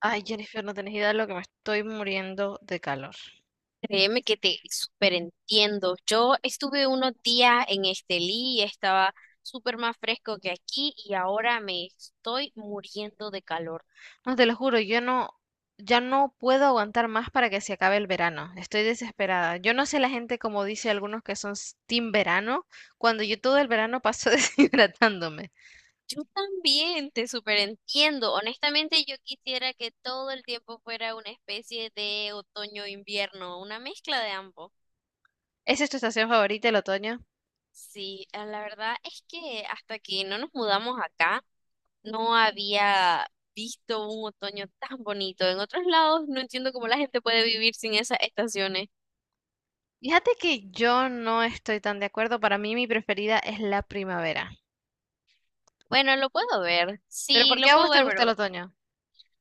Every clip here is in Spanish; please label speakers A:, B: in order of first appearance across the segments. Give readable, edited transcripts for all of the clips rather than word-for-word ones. A: Ay, Jennifer, no tenés idea de lo que me estoy muriendo de calor.
B: Créeme que te súper entiendo. Yo estuve unos días en Estelí, y estaba súper más fresco que aquí y ahora me estoy muriendo de calor.
A: No te lo juro, yo no, ya no puedo aguantar más para que se acabe el verano. Estoy desesperada. Yo no sé la gente como dice algunos que son team verano, cuando yo todo el verano paso deshidratándome.
B: Yo también te súper entiendo. Honestamente, yo quisiera que todo el tiempo fuera una especie de otoño-invierno, una mezcla de ambos.
A: ¿Esa es tu estación favorita, el otoño?
B: Sí, la verdad es que hasta que no nos mudamos acá, no había visto un otoño tan bonito. En otros lados no entiendo cómo la gente puede vivir sin esas estaciones.
A: Fíjate que yo no estoy tan de acuerdo. Para mí mi preferida es la primavera.
B: Bueno, lo puedo ver,
A: ¿Pero
B: sí,
A: por qué
B: lo
A: a
B: puedo
A: vos te
B: ver,
A: gusta
B: pero
A: el otoño?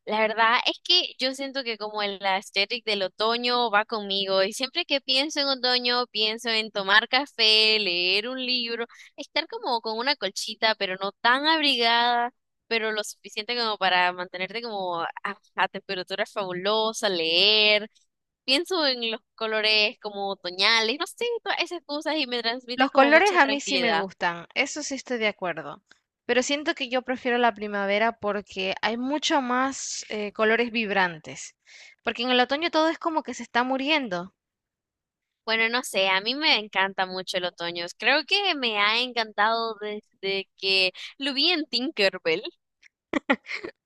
B: la verdad es que yo siento que como el aesthetic del otoño va conmigo y siempre que pienso en otoño pienso en tomar café, leer un libro, estar como con una colchita, pero no tan abrigada, pero lo suficiente como para mantenerte como a temperatura fabulosa, leer. Pienso en los colores como otoñales, no sé, todas esas cosas y me transmiten
A: Los
B: como
A: colores
B: mucha
A: a mí sí me
B: tranquilidad.
A: gustan, eso sí estoy de acuerdo, pero siento que yo prefiero la primavera porque hay mucho más colores vibrantes, porque en el otoño todo es como que se está muriendo.
B: Bueno, no sé, a mí me encanta mucho el otoño. Creo que me ha encantado desde que lo vi en Tinkerbell.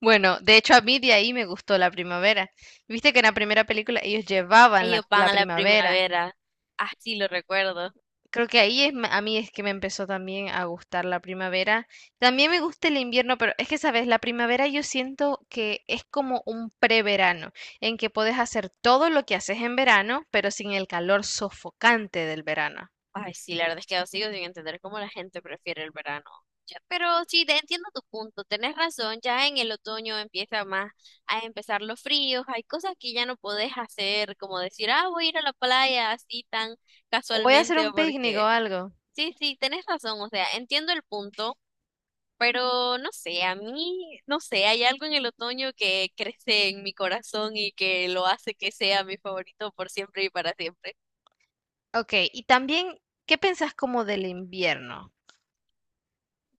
A: Bueno, de hecho a mí de ahí me gustó la primavera. Viste que en la primera película ellos llevaban la,
B: Ellos van
A: la
B: a la
A: primavera.
B: primavera, así lo recuerdo.
A: Creo que ahí es, a mí es que me empezó también a gustar la primavera. También me gusta el invierno, pero es que, sabes, la primavera yo siento que es como un preverano, en que puedes hacer todo lo que haces en verano, pero sin el calor sofocante del verano.
B: Ay, sí, la verdad es que sigo sin entender cómo la gente prefiere el verano. Ya, pero sí, te entiendo tu punto, tenés razón, ya en el otoño empieza más a empezar los fríos, hay cosas que ya no podés hacer, como decir, ah, voy a ir a la playa así tan
A: O voy a hacer
B: casualmente o
A: un picnic o
B: porque...
A: algo.
B: Sí, sí, tenés razón, o sea, entiendo el punto, pero no sé, a mí, no sé, hay algo en el otoño que crece en mi corazón y que lo hace que sea mi favorito por siempre y para siempre.
A: Ok, y también, ¿qué pensás como del invierno?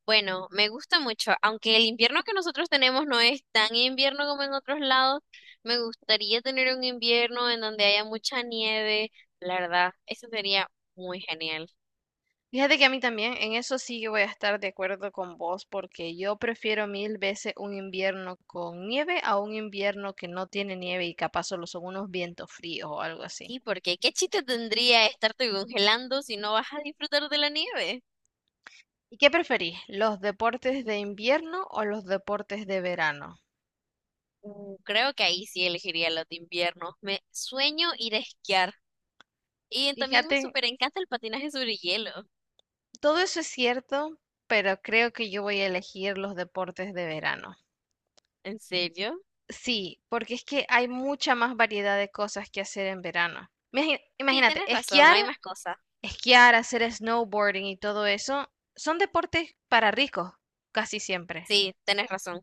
B: Bueno, me gusta mucho, aunque el invierno que nosotros tenemos no es tan invierno como en otros lados, me gustaría tener un invierno en donde haya mucha nieve, la verdad, eso sería muy genial.
A: Fíjate que a mí también, en eso sí que voy a estar de acuerdo con vos, porque yo prefiero mil veces un invierno con nieve a un invierno que no tiene nieve y capaz solo son unos vientos fríos o algo así.
B: Sí, porque ¿qué chiste tendría estarte congelando si no vas a disfrutar de la nieve?
A: ¿Y qué preferís, los deportes de invierno o los deportes de verano?
B: Creo que ahí sí elegiría los de invierno. Me sueño ir a esquiar y también me
A: Fíjate,
B: súper encanta el patinaje sobre hielo.
A: todo eso es cierto, pero creo que yo voy a elegir los deportes de verano.
B: ¿En serio?
A: Sí, porque es que hay mucha más variedad de cosas que hacer en verano.
B: Sí,
A: Imagínate,
B: tenés razón,
A: esquiar.
B: hay más cosas.
A: Esquiar, hacer snowboarding y todo eso son deportes para ricos, casi siempre.
B: Sí, tenés razón.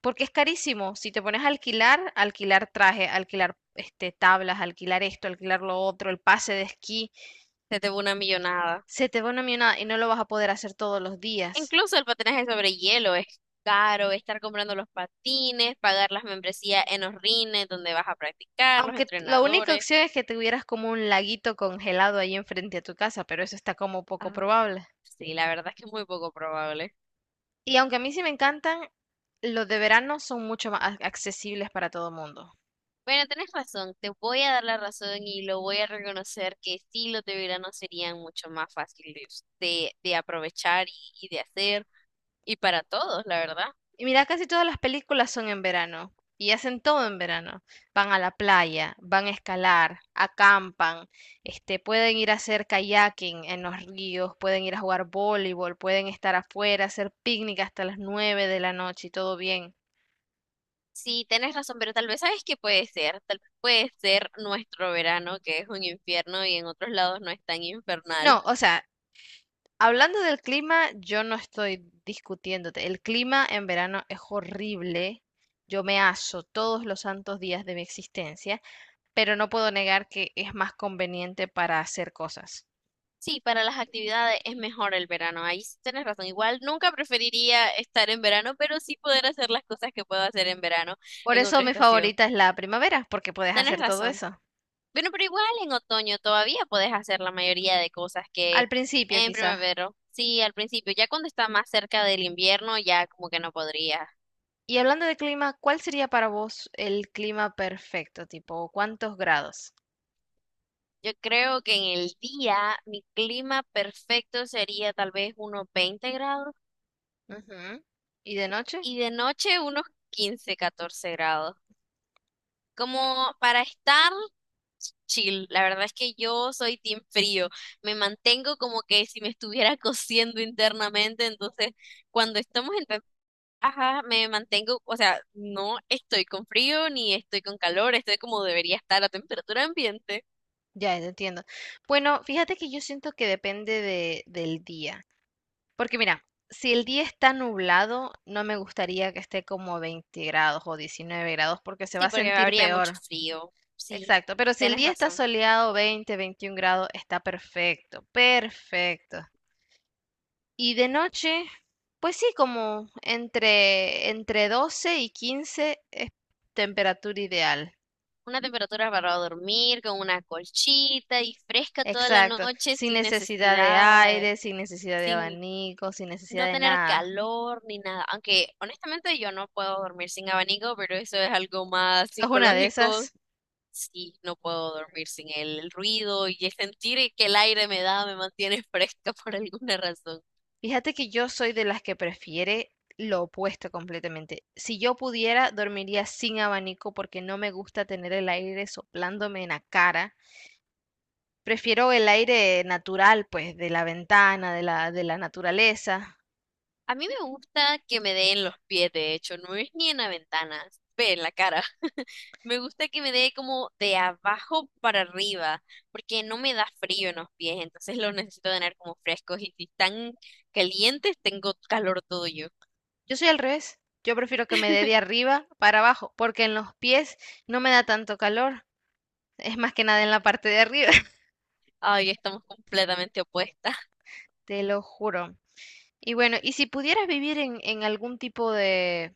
A: Porque es carísimo. Si te pones a alquilar, alquilar traje, alquilar este, tablas, alquilar esto, alquilar lo otro, el pase de esquí,
B: Se te va una millonada.
A: se te va una millonada y no lo vas a poder hacer todos los días.
B: Incluso el patinaje sobre hielo es caro, estar comprando los patines, pagar las membresías en los rines donde vas a practicar, los
A: Aunque la única
B: entrenadores.
A: opción es que tuvieras como un laguito congelado ahí enfrente a tu casa, pero eso está como poco
B: Ah,
A: probable.
B: sí, la verdad es que es muy poco probable.
A: Y aunque a mí sí me encantan, los de verano son mucho más accesibles para todo el mundo.
B: Bueno, tenés razón, te voy a dar la razón y lo voy a reconocer que sí los de verano serían mucho más fáciles de aprovechar y de hacer, y para todos, la verdad.
A: Y mira, casi todas las películas son en verano y hacen todo en verano. Van a la playa, van a escalar, acampan, este, pueden ir a hacer kayaking en los ríos, pueden ir a jugar voleibol, pueden estar afuera, hacer picnic hasta las 9 de la noche y todo bien.
B: Sí, tenés razón, pero tal vez sabes que puede ser, tal vez puede ser nuestro verano, que es un infierno y en otros lados no es tan infernal.
A: No, o sea, hablando del clima, yo no estoy discutiéndote. El clima en verano es horrible. Yo me aso todos los santos días de mi existencia, pero no puedo negar que es más conveniente para hacer cosas.
B: Sí, para las actividades es mejor el verano, ahí sí tienes razón. Igual nunca preferiría estar en verano, pero sí poder hacer las cosas que puedo hacer en verano
A: Por
B: en
A: eso
B: otra
A: mi
B: estación.
A: favorita es la primavera, porque puedes
B: Tienes
A: hacer todo
B: razón.
A: eso.
B: Bueno, pero igual en otoño todavía puedes hacer la mayoría de cosas que
A: Al principio,
B: en
A: quizás.
B: primavera. Sí, al principio, ya cuando está más cerca del invierno, ya como que no podría.
A: Y hablando de clima, ¿cuál sería para vos el clima perfecto? Tipo, ¿cuántos grados?
B: Yo creo que en el día mi clima perfecto sería tal vez unos 20 grados
A: Ujú. ¿Y de noche?
B: y de noche unos 15 14 grados como para estar chill. La verdad es que yo soy team frío. Me mantengo como que si me estuviera cociendo internamente. Entonces, cuando estamos en ajá, me mantengo, o sea, no estoy con frío ni estoy con calor, estoy como debería estar a temperatura ambiente.
A: Ya, ya entiendo. Bueno, fíjate que yo siento que depende de, del día. Porque mira, si el día está nublado, no me gustaría que esté como 20 grados o 19 grados, porque se va
B: Sí,
A: a
B: porque
A: sentir
B: habría mucho
A: peor.
B: frío. Sí,
A: Exacto, pero si el
B: tienes
A: día está
B: razón.
A: soleado, 20, 21 grados, está perfecto, perfecto. Y de noche, pues sí, como entre, entre 12 y 15 es temperatura ideal.
B: Una temperatura para dormir, con una colchita y fresca toda la
A: Exacto.
B: noche
A: Sin
B: sin
A: necesidad de
B: necesidad,
A: aire, sin necesidad de
B: sin
A: abanico, sin necesidad
B: no
A: de
B: tener
A: nada.
B: calor ni nada. Aunque honestamente yo no puedo dormir sin abanico, pero eso es algo más
A: Esta una de
B: psicológico.
A: esas.
B: Sí, no puedo dormir sin el ruido y el sentir que el aire me da, me mantiene fresca por alguna razón.
A: Fíjate que yo soy de las que prefiere lo opuesto completamente. Si yo pudiera, dormiría sin abanico porque no me gusta tener el aire soplándome en la cara. Prefiero el aire natural, pues, de la ventana, de de la naturaleza.
B: A mí me gusta que me den los pies, de hecho, no es ni en la ventana, ve en la cara. Me gusta que me dé como de abajo para arriba, porque no me da frío en los pies, entonces los necesito tener como frescos y si están calientes, tengo calor todo yo.
A: Yo soy al revés. Yo prefiero que me dé de arriba para abajo, porque en los pies no me da tanto calor. Es más que nada en la parte de arriba,
B: Ay, estamos completamente opuestas.
A: te lo juro. Y bueno, y si pudieras vivir en algún tipo de,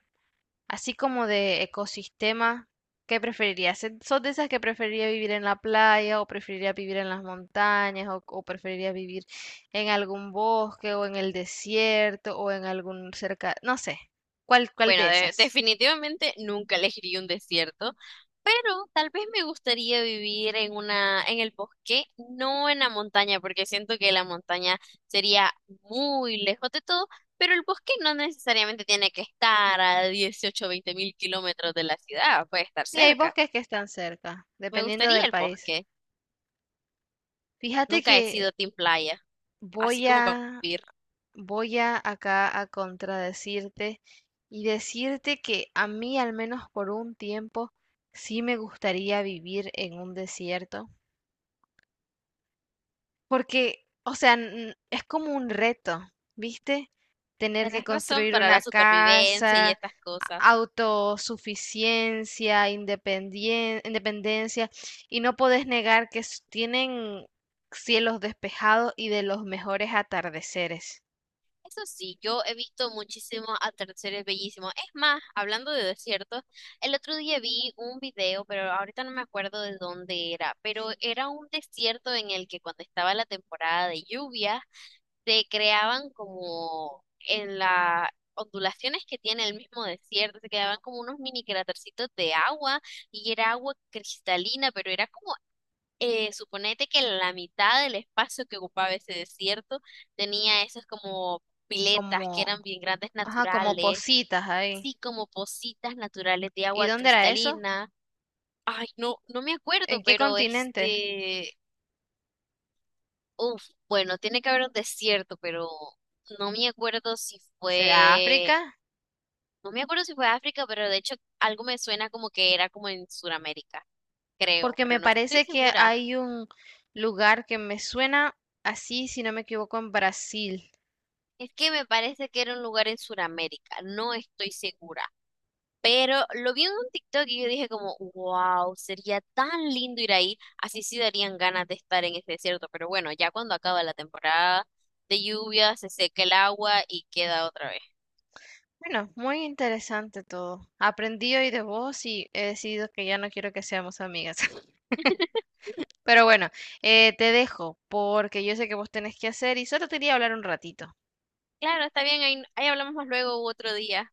A: así como de ecosistema, ¿qué preferirías? ¿Eh, ¿Sos de esas que preferiría vivir en la playa o preferiría vivir en las montañas o preferiría vivir en algún bosque o en el desierto o en algún cerca, no sé, ¿cuál, cuál
B: Bueno,
A: de esas?
B: definitivamente nunca elegiría un desierto, pero tal vez me gustaría vivir en una, en el bosque, no en la montaña, porque siento que la montaña sería muy lejos de todo, pero el bosque no necesariamente tiene que estar a 18, o 20 mil kilómetros de la ciudad, puede estar
A: Sí, hay
B: cerca.
A: bosques que están cerca,
B: Me
A: dependiendo
B: gustaría
A: del
B: el
A: país.
B: bosque.
A: Fíjate
B: Nunca he
A: que
B: sido team playa, así
A: voy
B: como para
A: a,
B: vivir.
A: voy a acá a contradecirte y decirte que a mí, al menos por un tiempo, sí me gustaría vivir en un desierto. Porque, o sea, es como un reto, ¿viste? Tener que
B: Tenés razón
A: construir
B: para
A: una
B: la supervivencia y
A: casa,
B: estas cosas.
A: autosuficiencia, independencia, y no podés negar que tienen cielos despejados y de los mejores atardeceres,
B: Eso sí, yo he visto muchísimos atardeceres bellísimos. Es más, hablando de desiertos, el otro día vi un video, pero ahorita no me acuerdo de dónde era, pero era un desierto en el que cuando estaba la temporada de lluvia, se creaban como en las ondulaciones que tiene el mismo desierto, se quedaban como unos mini crátercitos de agua y era agua cristalina, pero era como suponete que la mitad del espacio que ocupaba ese desierto tenía esas como piletas que
A: como,
B: eran bien grandes
A: ajá, como
B: naturales,
A: positas ahí.
B: sí, como pocitas naturales de
A: ¿Y
B: agua
A: dónde era eso?
B: cristalina. Ay, no, no me acuerdo,
A: ¿En qué
B: pero
A: continente?
B: este, uf, bueno, tiene que haber un desierto, pero no me acuerdo si
A: ¿Será África?
B: fue, no me acuerdo si fue África, pero de hecho algo me suena como que era como en Sudamérica, creo,
A: Porque me
B: pero no estoy
A: parece que
B: segura.
A: hay un lugar que me suena así, si no me equivoco, en Brasil.
B: Es que me parece que era un lugar en Sudamérica, no estoy segura. Pero lo vi en un TikTok y yo dije como, wow, sería tan lindo ir ahí. Así sí darían ganas de estar en ese desierto. Pero bueno, ya cuando acaba la temporada de lluvia, se seca el agua y queda otra vez.
A: Bueno, muy interesante todo. Aprendí hoy de vos y he decidido que ya no quiero que seamos amigas. Pero bueno, te dejo porque yo sé que vos tenés que hacer y solo te quería hablar un ratito.
B: Claro, está bien, ahí hablamos más luego u otro día.